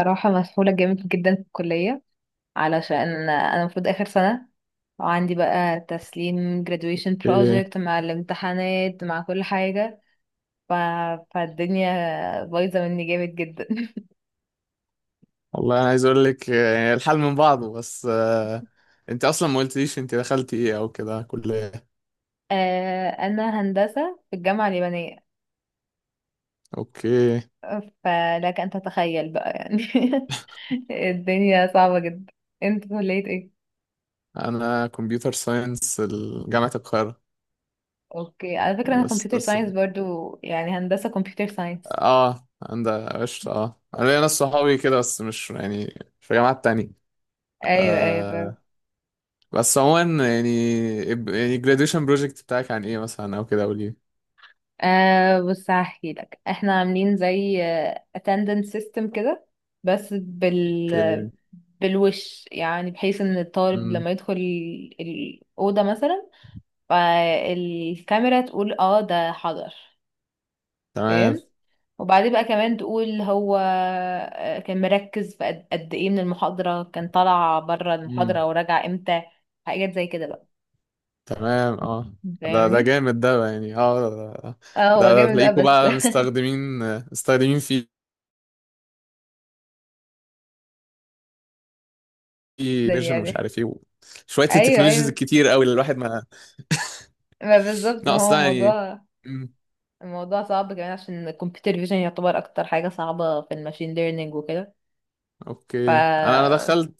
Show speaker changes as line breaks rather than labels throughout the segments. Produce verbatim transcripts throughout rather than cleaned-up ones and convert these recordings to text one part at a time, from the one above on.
صراحة مسحولة جامد جدا في الكلية، علشان أنا المفروض آخر سنة وعندي بقى تسليم graduation
ايه.
project مع الامتحانات مع كل حاجة. ف... فالدنيا بايظة مني جامد جدا.
والله انا عايز اقول لك آه، الحال من بعضه، بس آه، انت اصلا ما قلتليش انت دخلتي ايه او كده كلية.
آه، أنا هندسة في الجامعة اليابانية.
اوكي.
فلك أن تتخيل بقى يعني. الدنيا صعبة جدا. انت كلية ايه؟
انا كمبيوتر ساينس، جامعة القاهرة.
اوكي، على فكرة أنا
بس
كمبيوتر
بس
ساينس برضو، يعني هندسة كمبيوتر ساينس.
اه، عند قشطة. اه انا ليا ناس صحابي كده، بس مش يعني، في جامعات تانية.
ايوه ايوه.
آه. بس عموما، يعني، يعني graduation project بتاعك عن ايه مثلا او كده قولي.
أه بص هحكي لك، احنا عاملين زي آه، attendance system كده، بس بال
اوكي.
بالوش يعني بحيث ان الطالب
امم.
لما يدخل ال- الأوضة مثلا، فالكاميرا تقول اه ده حضر.
تمام.
فاهم. وبعدين بقى كمان تقول هو آه، كان مركز في قد قد ايه من المحاضرة، كان طلع بره المحاضرة وراجع امتى، حاجات زي كده بقى.
تمام. اه ده ده
فاهمني.
جامد ده، يعني اه. ده
اه هو
ده
جامد بقى
تلاقيكوا
بس.
بقى مستخدمين مستخدمين فيه
يعني
نيرجن ومش
يعني
عارف ايه، شوية
ايوه
التكنولوجيز
ايوه،
الكتير قوي اللي الواحد ما...
ما بالظبط،
لا،
ما هو
اصلا يعني.
موضوع.
مم،
الموضوع صعب كمان عشان الكمبيوتر فيجن يعتبر اكتر حاجة صعبة في الماشين ليرنينج وكده. ف
اوكي. انا انا
اه
دخلت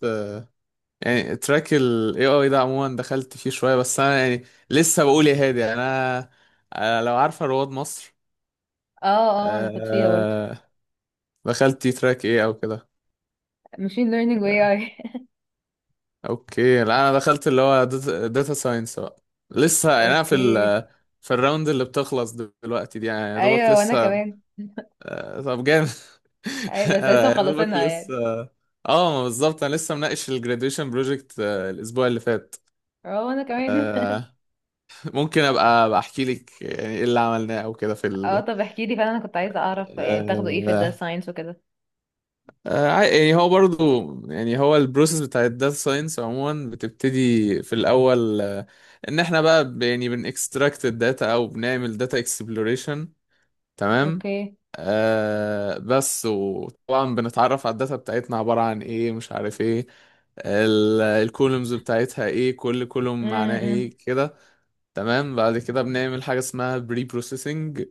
يعني تراك ال إيه آي ده عموما، دخلت فيه شوية بس انا يعني لسه بقول يا هادي. يعني انا، أنا، لو عارفة رواد مصر،
اه انا كنت فيها برضه.
آه، دخلت تراك ايه او كده؟
ماشين ليرنينج واي اي.
اوكي. لا انا دخلت اللي هو داتا ساينس بقى. لسه يعني انا في ال
اوكي.
في الراوند اللي بتخلص دلوقتي دي، يعني يا دوبك
ايوه وانا
لسه.
كمان.
آه، طب جامد.
ايوه بس لسه
آه، يا دوبك
مخلصينها
لسه.
يعني.
اه، ما بالظبط، انا لسه مناقش الجراديويشن بروجكت الاسبوع اللي فات.
اه وانا كمان.
آه، ممكن ابقى بحكي لك يعني ايه اللي عملناه او كده في
اه
ال...
طب احكي لي فعلا، انا كنت عايزة اعرف يعني بتاخدوا ايه في
آه،
الداتا ساينس وكده.
آه، عا- يعني هو برضو، يعني هو البروسيس بتاع الداتا ساينس عموما بتبتدي في الاول. آه، ان احنا بقى ب- يعني بنكستراكت الداتا، او بنعمل داتا اكسبلوريشن. تمام.
اوكي.
آه، بس وطبعا بنتعرف على الداتا بتاعتنا عبارة عن ايه، مش عارف ايه، الكولومز بتاعتها ايه، كل كولوم معناه
امم.
ايه كده. تمام. بعد كده بنعمل حاجة اسمها بري بروسيسنج.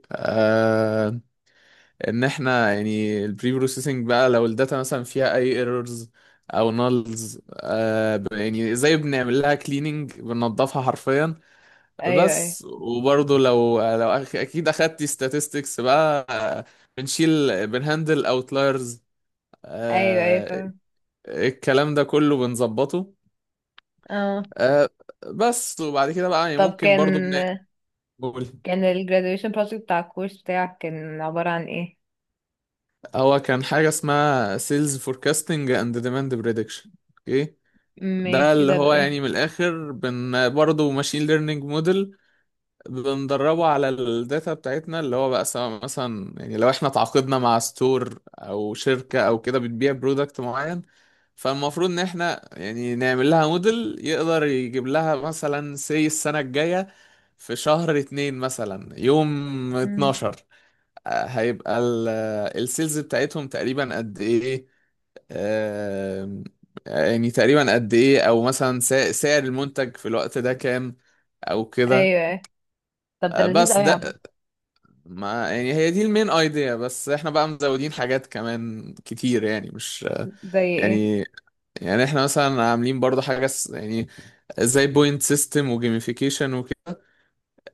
ان احنا يعني البري بروسيسنج بقى، لو الداتا مثلا فيها اي ايرورز او نالز، آه ب- يعني زي بنعمل لها كليننج، بننضفها حرفيا.
ايوه ايوه.
بس. وبرضه لو لو أخ- اكيد اخدتي statistics بقى. آه، بنشيل، بنهندل اوتلايرز.
ايوه ايوه
آه.
فاهم.
الكلام ده كله بنظبطه.
اه.
آه. بس وبعد كده بقى يعني
طب
ممكن برضه
كان
بنقول
كان الجراديويشن بروجكت بتاع الكورس بتاعك كان عبارة عن ايه؟
هو كان حاجة اسمها sales forecasting and demand prediction. اوكي. ده
ماشي،
اللي
ده
هو
بايه؟
يعني من الاخر، بن برضه ماشين ليرنينج موديل بندربه على الداتا بتاعتنا، اللي هو بقى سواء مثلا يعني لو احنا تعاقدنا مع ستور او شركة او كده بتبيع برودكت معين، فالمفروض ان احنا يعني نعمل لها موديل يقدر يجيب لها مثلا سي السنة الجاية في شهر اتنين مثلا يوم
مم.
اتناشر آه، هيبقى السيلز بتاعتهم تقريبا قد ايه. آم، يعني تقريبا قد ايه، او مثلا سا- سعر المنتج في الوقت ده كام او كده.
ايوه طب ده
آه،
لذيذ
بس
قوي عامة.
ده، ما يعني هي دي المين ايديا، بس احنا بقى مزودين حاجات كمان كتير يعني، مش
زي ايه؟
يعني، يعني احنا مثلا عاملين برضو حاجة س- يعني زي بوينت سيستم وجيميفيكيشن وكده.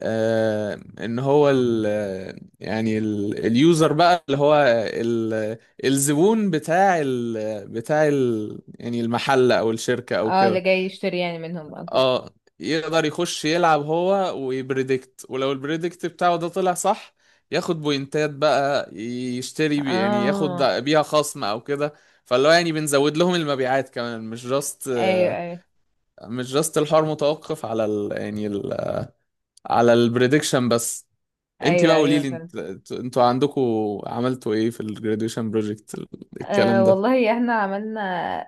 آه، ان هو ال يعني ال- اليوزر بقى اللي هو ال- الزبون بتاع ال بتاع ال يعني المحل او الشركة او
اه اللي
كده.
جاي يشتري يعني منهم او كده.
اه، يقدر يخش يلعب هو ويبريدكت، ولو البريدكت بتاعه ده طلع صح ياخد بوينتات بقى، يشتري بي يعني، ياخد
اه.
بيها خصم او كده. فاللي هو يعني بنزود لهم المبيعات كمان، مش جاست،
ايوه ايوه.
مش جاست الحوار متوقف على ال يعني ال، على البريدكشن بس. انت
ايوه
بقى قولي
ايوه
لي،
فهمت.
انت، انتوا عندكم عملتوا ايه في الجراديويشن بروجكت
آه
الكلام ده؟
والله احنا عملنا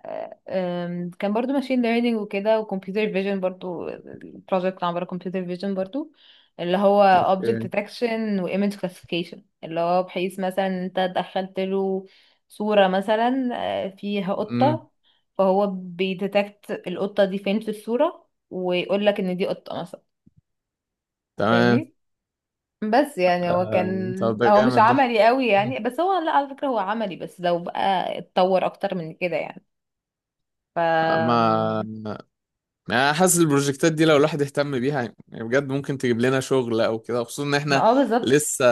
آه، آم، كان برضو ماشين ليرنينج وكده، وكمبيوتر فيجن برضو. البروجكت عبارة كمبيوتر فيجن برضو، اللي هو object
اوكي.
detection و image classification، اللي هو بحيث مثلا انت دخلت له صورة مثلا آه، فيها
امم.
قطة، فهو بيديتكت القطة دي فين في الصورة ويقول لك ان دي قطة مثلا.
تمام.
فاهمني. بس يعني هو كان
آه، طب ده
هو مش
جامد ده.
عملي قوي
مم.
يعني، بس هو لا على فكرة هو عملي، بس لو بقى اتطور اكتر من كده يعني. ف
ما يعني انا حاسس البروجكتات دي لو الواحد اهتم بيها يعني، بجد ممكن تجيب لنا شغل او كده، خصوصا ان
ما
احنا
اه بالظبط.
لسه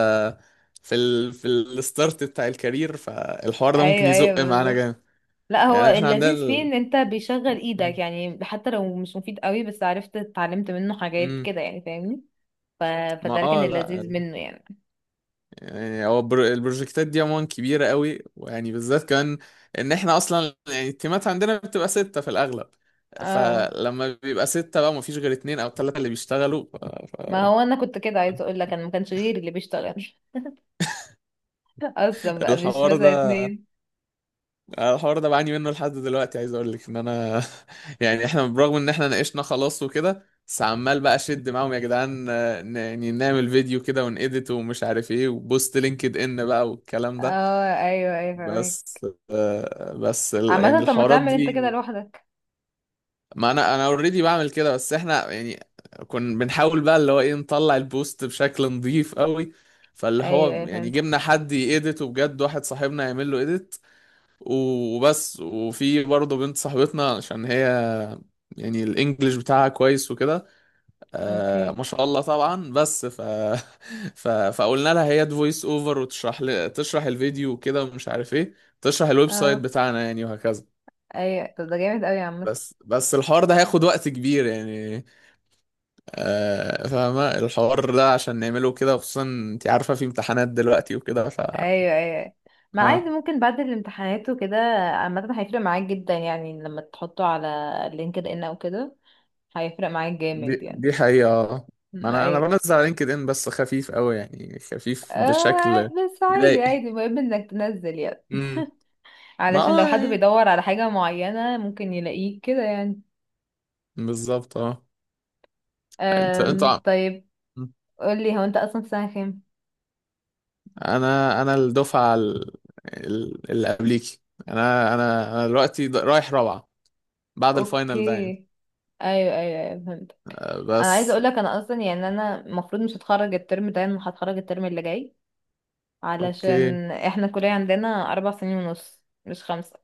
في ال في الستارت بتاع الكارير، فالحوار ده ممكن
ايوه ايوه
يزق معانا
بالظبط.
جامد
لا هو
يعني. احنا عندنا
اللذيذ فيه
ال...
ان انت بيشغل ايدك، يعني حتى لو مش مفيد قوي بس عرفت اتعلمت منه حاجات
مم.
كده يعني، فاهمني. ف...
ما
فده كان
اه، لا،
اللذيذ منه يعني.
يعني هو البر- البروجكتات دي عموما كبيرة قوي، ويعني بالذات كمان ان احنا اصلا يعني التيمات عندنا بتبقى ستة في الاغلب،
اه.
فلما بيبقى ستة بقى مفيش غير اتنين او تلاتة اللي بيشتغلوا ف-
ما
ف-
هو انا كنت كده عايزه اقول لك، انا ما كانش غيري اللي بيشتغل. اصلا بقى مش
الحوار
مثلا
ده.
اتنين.
آه، الحوار ده بعاني منه لحد دلوقتي، عايز اقول لك ان انا يعني احنا برغم ان احنا ناقشنا خلاص وكده، بس عمال بقى اشد معاهم يا جدعان، آه، ن- يعني نعمل فيديو كده ونedit ومش عارف ايه، وبوست لينكد ان بقى والكلام ده.
اه ايوه ايوه فاهمك.
بس آه، بس ال- يعني
عامة طب ما
الحوارات
تعمل انت
دي.
كده لوحدك.
ما انا انا اوريدي بعمل كده، بس احنا يعني كنا بنحاول بقى اللي هو ايه، نطلع البوست بشكل نظيف قوي. فاللي
ايوه
هو
ايوه
يعني
فهمت.
جبنا حد يedit، وبجد واحد صاحبنا يعمل له edit وبس. وفي برضه بنت صاحبتنا عشان هي يعني الانجليش بتاعها كويس وكده، آه
اوكي.
ما شاء الله طبعا. بس ف... ف... فقلنا لها هي فويس اوفر وتشرح ل... تشرح الفيديو وكده ومش عارف ايه، تشرح الويب سايت
اه.
بتاعنا يعني، وهكذا.
ايوه طب ده جامد قوي عامة.
بس بس الحوار ده هياخد وقت كبير يعني، آه فاهمة. الحوار ده عشان نعمله كده، خصوصا انت عارفة في امتحانات دلوقتي وكده ف...
ايوه ايوه. ما عادي،
آه.
ممكن بعد الامتحانات وكده. عامة هيفرق معاك جدا يعني لما تحطه على لينكد ان او كده، هيفرق معاك جامد
دي
يعني.
دي حقيقة آه. ما
أمم،
انا انا
ايوه.
بنزل على لينكد ان بس خفيف قوي يعني، خفيف
آه
بشكل
بس عادي
يضايق.
عادي، المهم انك تنزل يعني،
امم. ما
علشان لو حد
آه،
بيدور على حاجة معينة ممكن يلاقيه كده يعني.
بالظبط اه. انت انت ع-
أم طيب. قولي، هو انت اصلا في سنة كام؟
انا، انا الدفعة ال- ال- اللي قبليكي. انا انا انا دلوقتي د- رايح رابعة بعد
اوكي.
الفاينل ده يعني.
ايوه ايوه ايوه فهمت.
آه،
انا عايزه
بس.
اقول لك انا اصلا يعني انا المفروض مش هتخرج الترم ده، انا هتخرج الترم اللي جاي،
اوكي.
علشان احنا الكليه عندنا اربع سنين ونص، مش خمسه.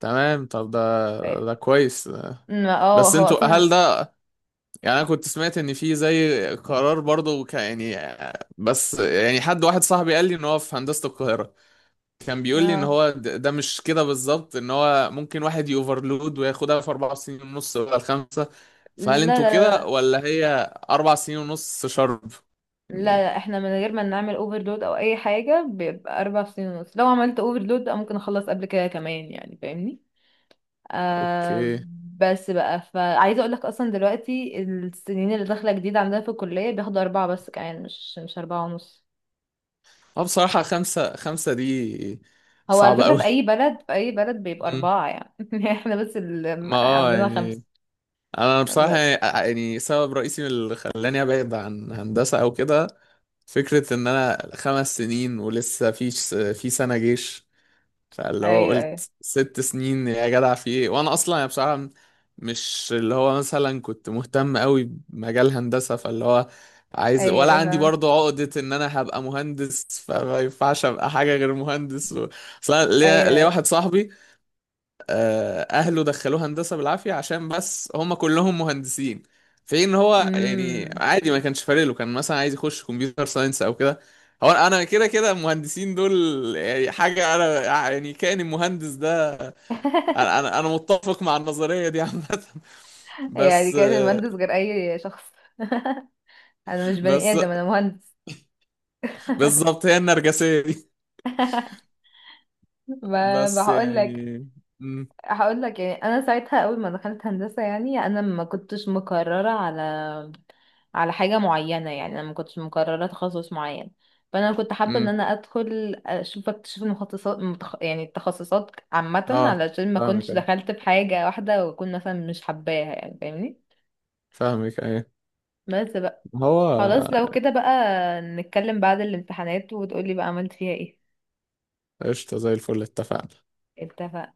تمام. طب ده ده كويس.
ما- اه
بس
هو
انتوا، هل
اصلا
ده، يعني انا كنت سمعت ان في زي قرار برضه ك- يعني، بس يعني حد، واحد صاحبي قال لي ان هو في هندسة القاهرة، كان بيقول لي ان
اه.
هو د- ده مش كده بالظبط، ان هو ممكن واحد يوفرلود وياخدها في اربع سنين ونص، ولا الخمسة؟ فهل
لا
انتوا
لا
كده،
لا
ولا هي اربع سنين ونص شرب
لا
يعني؟
لا احنا من غير ما نعمل اوفرلود او اي حاجه بيبقى اربع سنين ونص، لو عملت اوفرلود ممكن اخلص قبل كده كمان يعني، فاهمني. آه.
اوكي.
بس بقى فعايزه اقول لك اصلا دلوقتي السنين اللي داخله جديد عندنا في الكليه بياخدوا اربعه بس كمان، مش مش اربعه ونص.
اه، بصراحة خمسة، خمسة دي
هو على
صعبة
فكرة
قوي.
في أي بلد، في أي بلد بيبقى
مم.
أربعة يعني. احنا بس اللي
ما اه
عاملينها خمسة.
يعني، انا بصراحة
ب-
يعني، يعني سبب رئيسي من اللي خلاني ابعد عن هندسة او كده فكرة ان انا خمس سنين ولسه في في سنة جيش، فاللي هو
أيوه أيوه.
قلت ست سنين يا جدع في ايه؟ وانا اصلا يعني بصراحة مش اللي هو مثلا كنت مهتم قوي بمجال هندسة، فاللي هو عايز،
أيوه
ولا
أيوه
عندي
فاهمة.
برضه عقدة ان انا هبقى مهندس فما ينفعش ابقى حاجة غير مهندس و... اصلا
أيوه
ليا ليا
أيوه.
واحد صاحبي، آه، اهله دخلوه هندسه بالعافيه عشان بس هم كلهم مهندسين، في ان هو يعني
أمم.
عادي، ما كانش فارق له، كان مثلا عايز يخش كمبيوتر ساينس او كده. هو انا كده كده المهندسين دول، يعني حاجه انا، يعني كان المهندس ده، انا انا أنا متفق مع النظريه دي عامه.
يعني
بس
كانت
آه،
المهندس غير أي شخص. أنا مش بني
بس
آدم أنا مهندس.
بالظبط، هي النرجسيه دي.
ما
بس
بقول لك.
يعني، امم
هقول لك يعني انا ساعتها اول ما دخلت هندسه، يعني انا ما كنتش مقرره على على حاجه معينه، يعني انا ما كنتش مقرره تخصص معين، فانا كنت حابه ان
امم
انا ادخل اشوف اكتشف المتخصصات متخ... يعني التخصصات عامه،
اه
علشان ما
فاهمك
كنتش
أيوة،
دخلت في حاجه واحده واكون مثلا مش حباها يعني، فاهمني.
فاهمك ايه.
بس بقى، خلاص
هو
لو كده بقى نتكلم بعد الامتحانات وتقولي بقى عملت فيها ايه.
قشطه زي الفل، اتفقنا.
اتفق.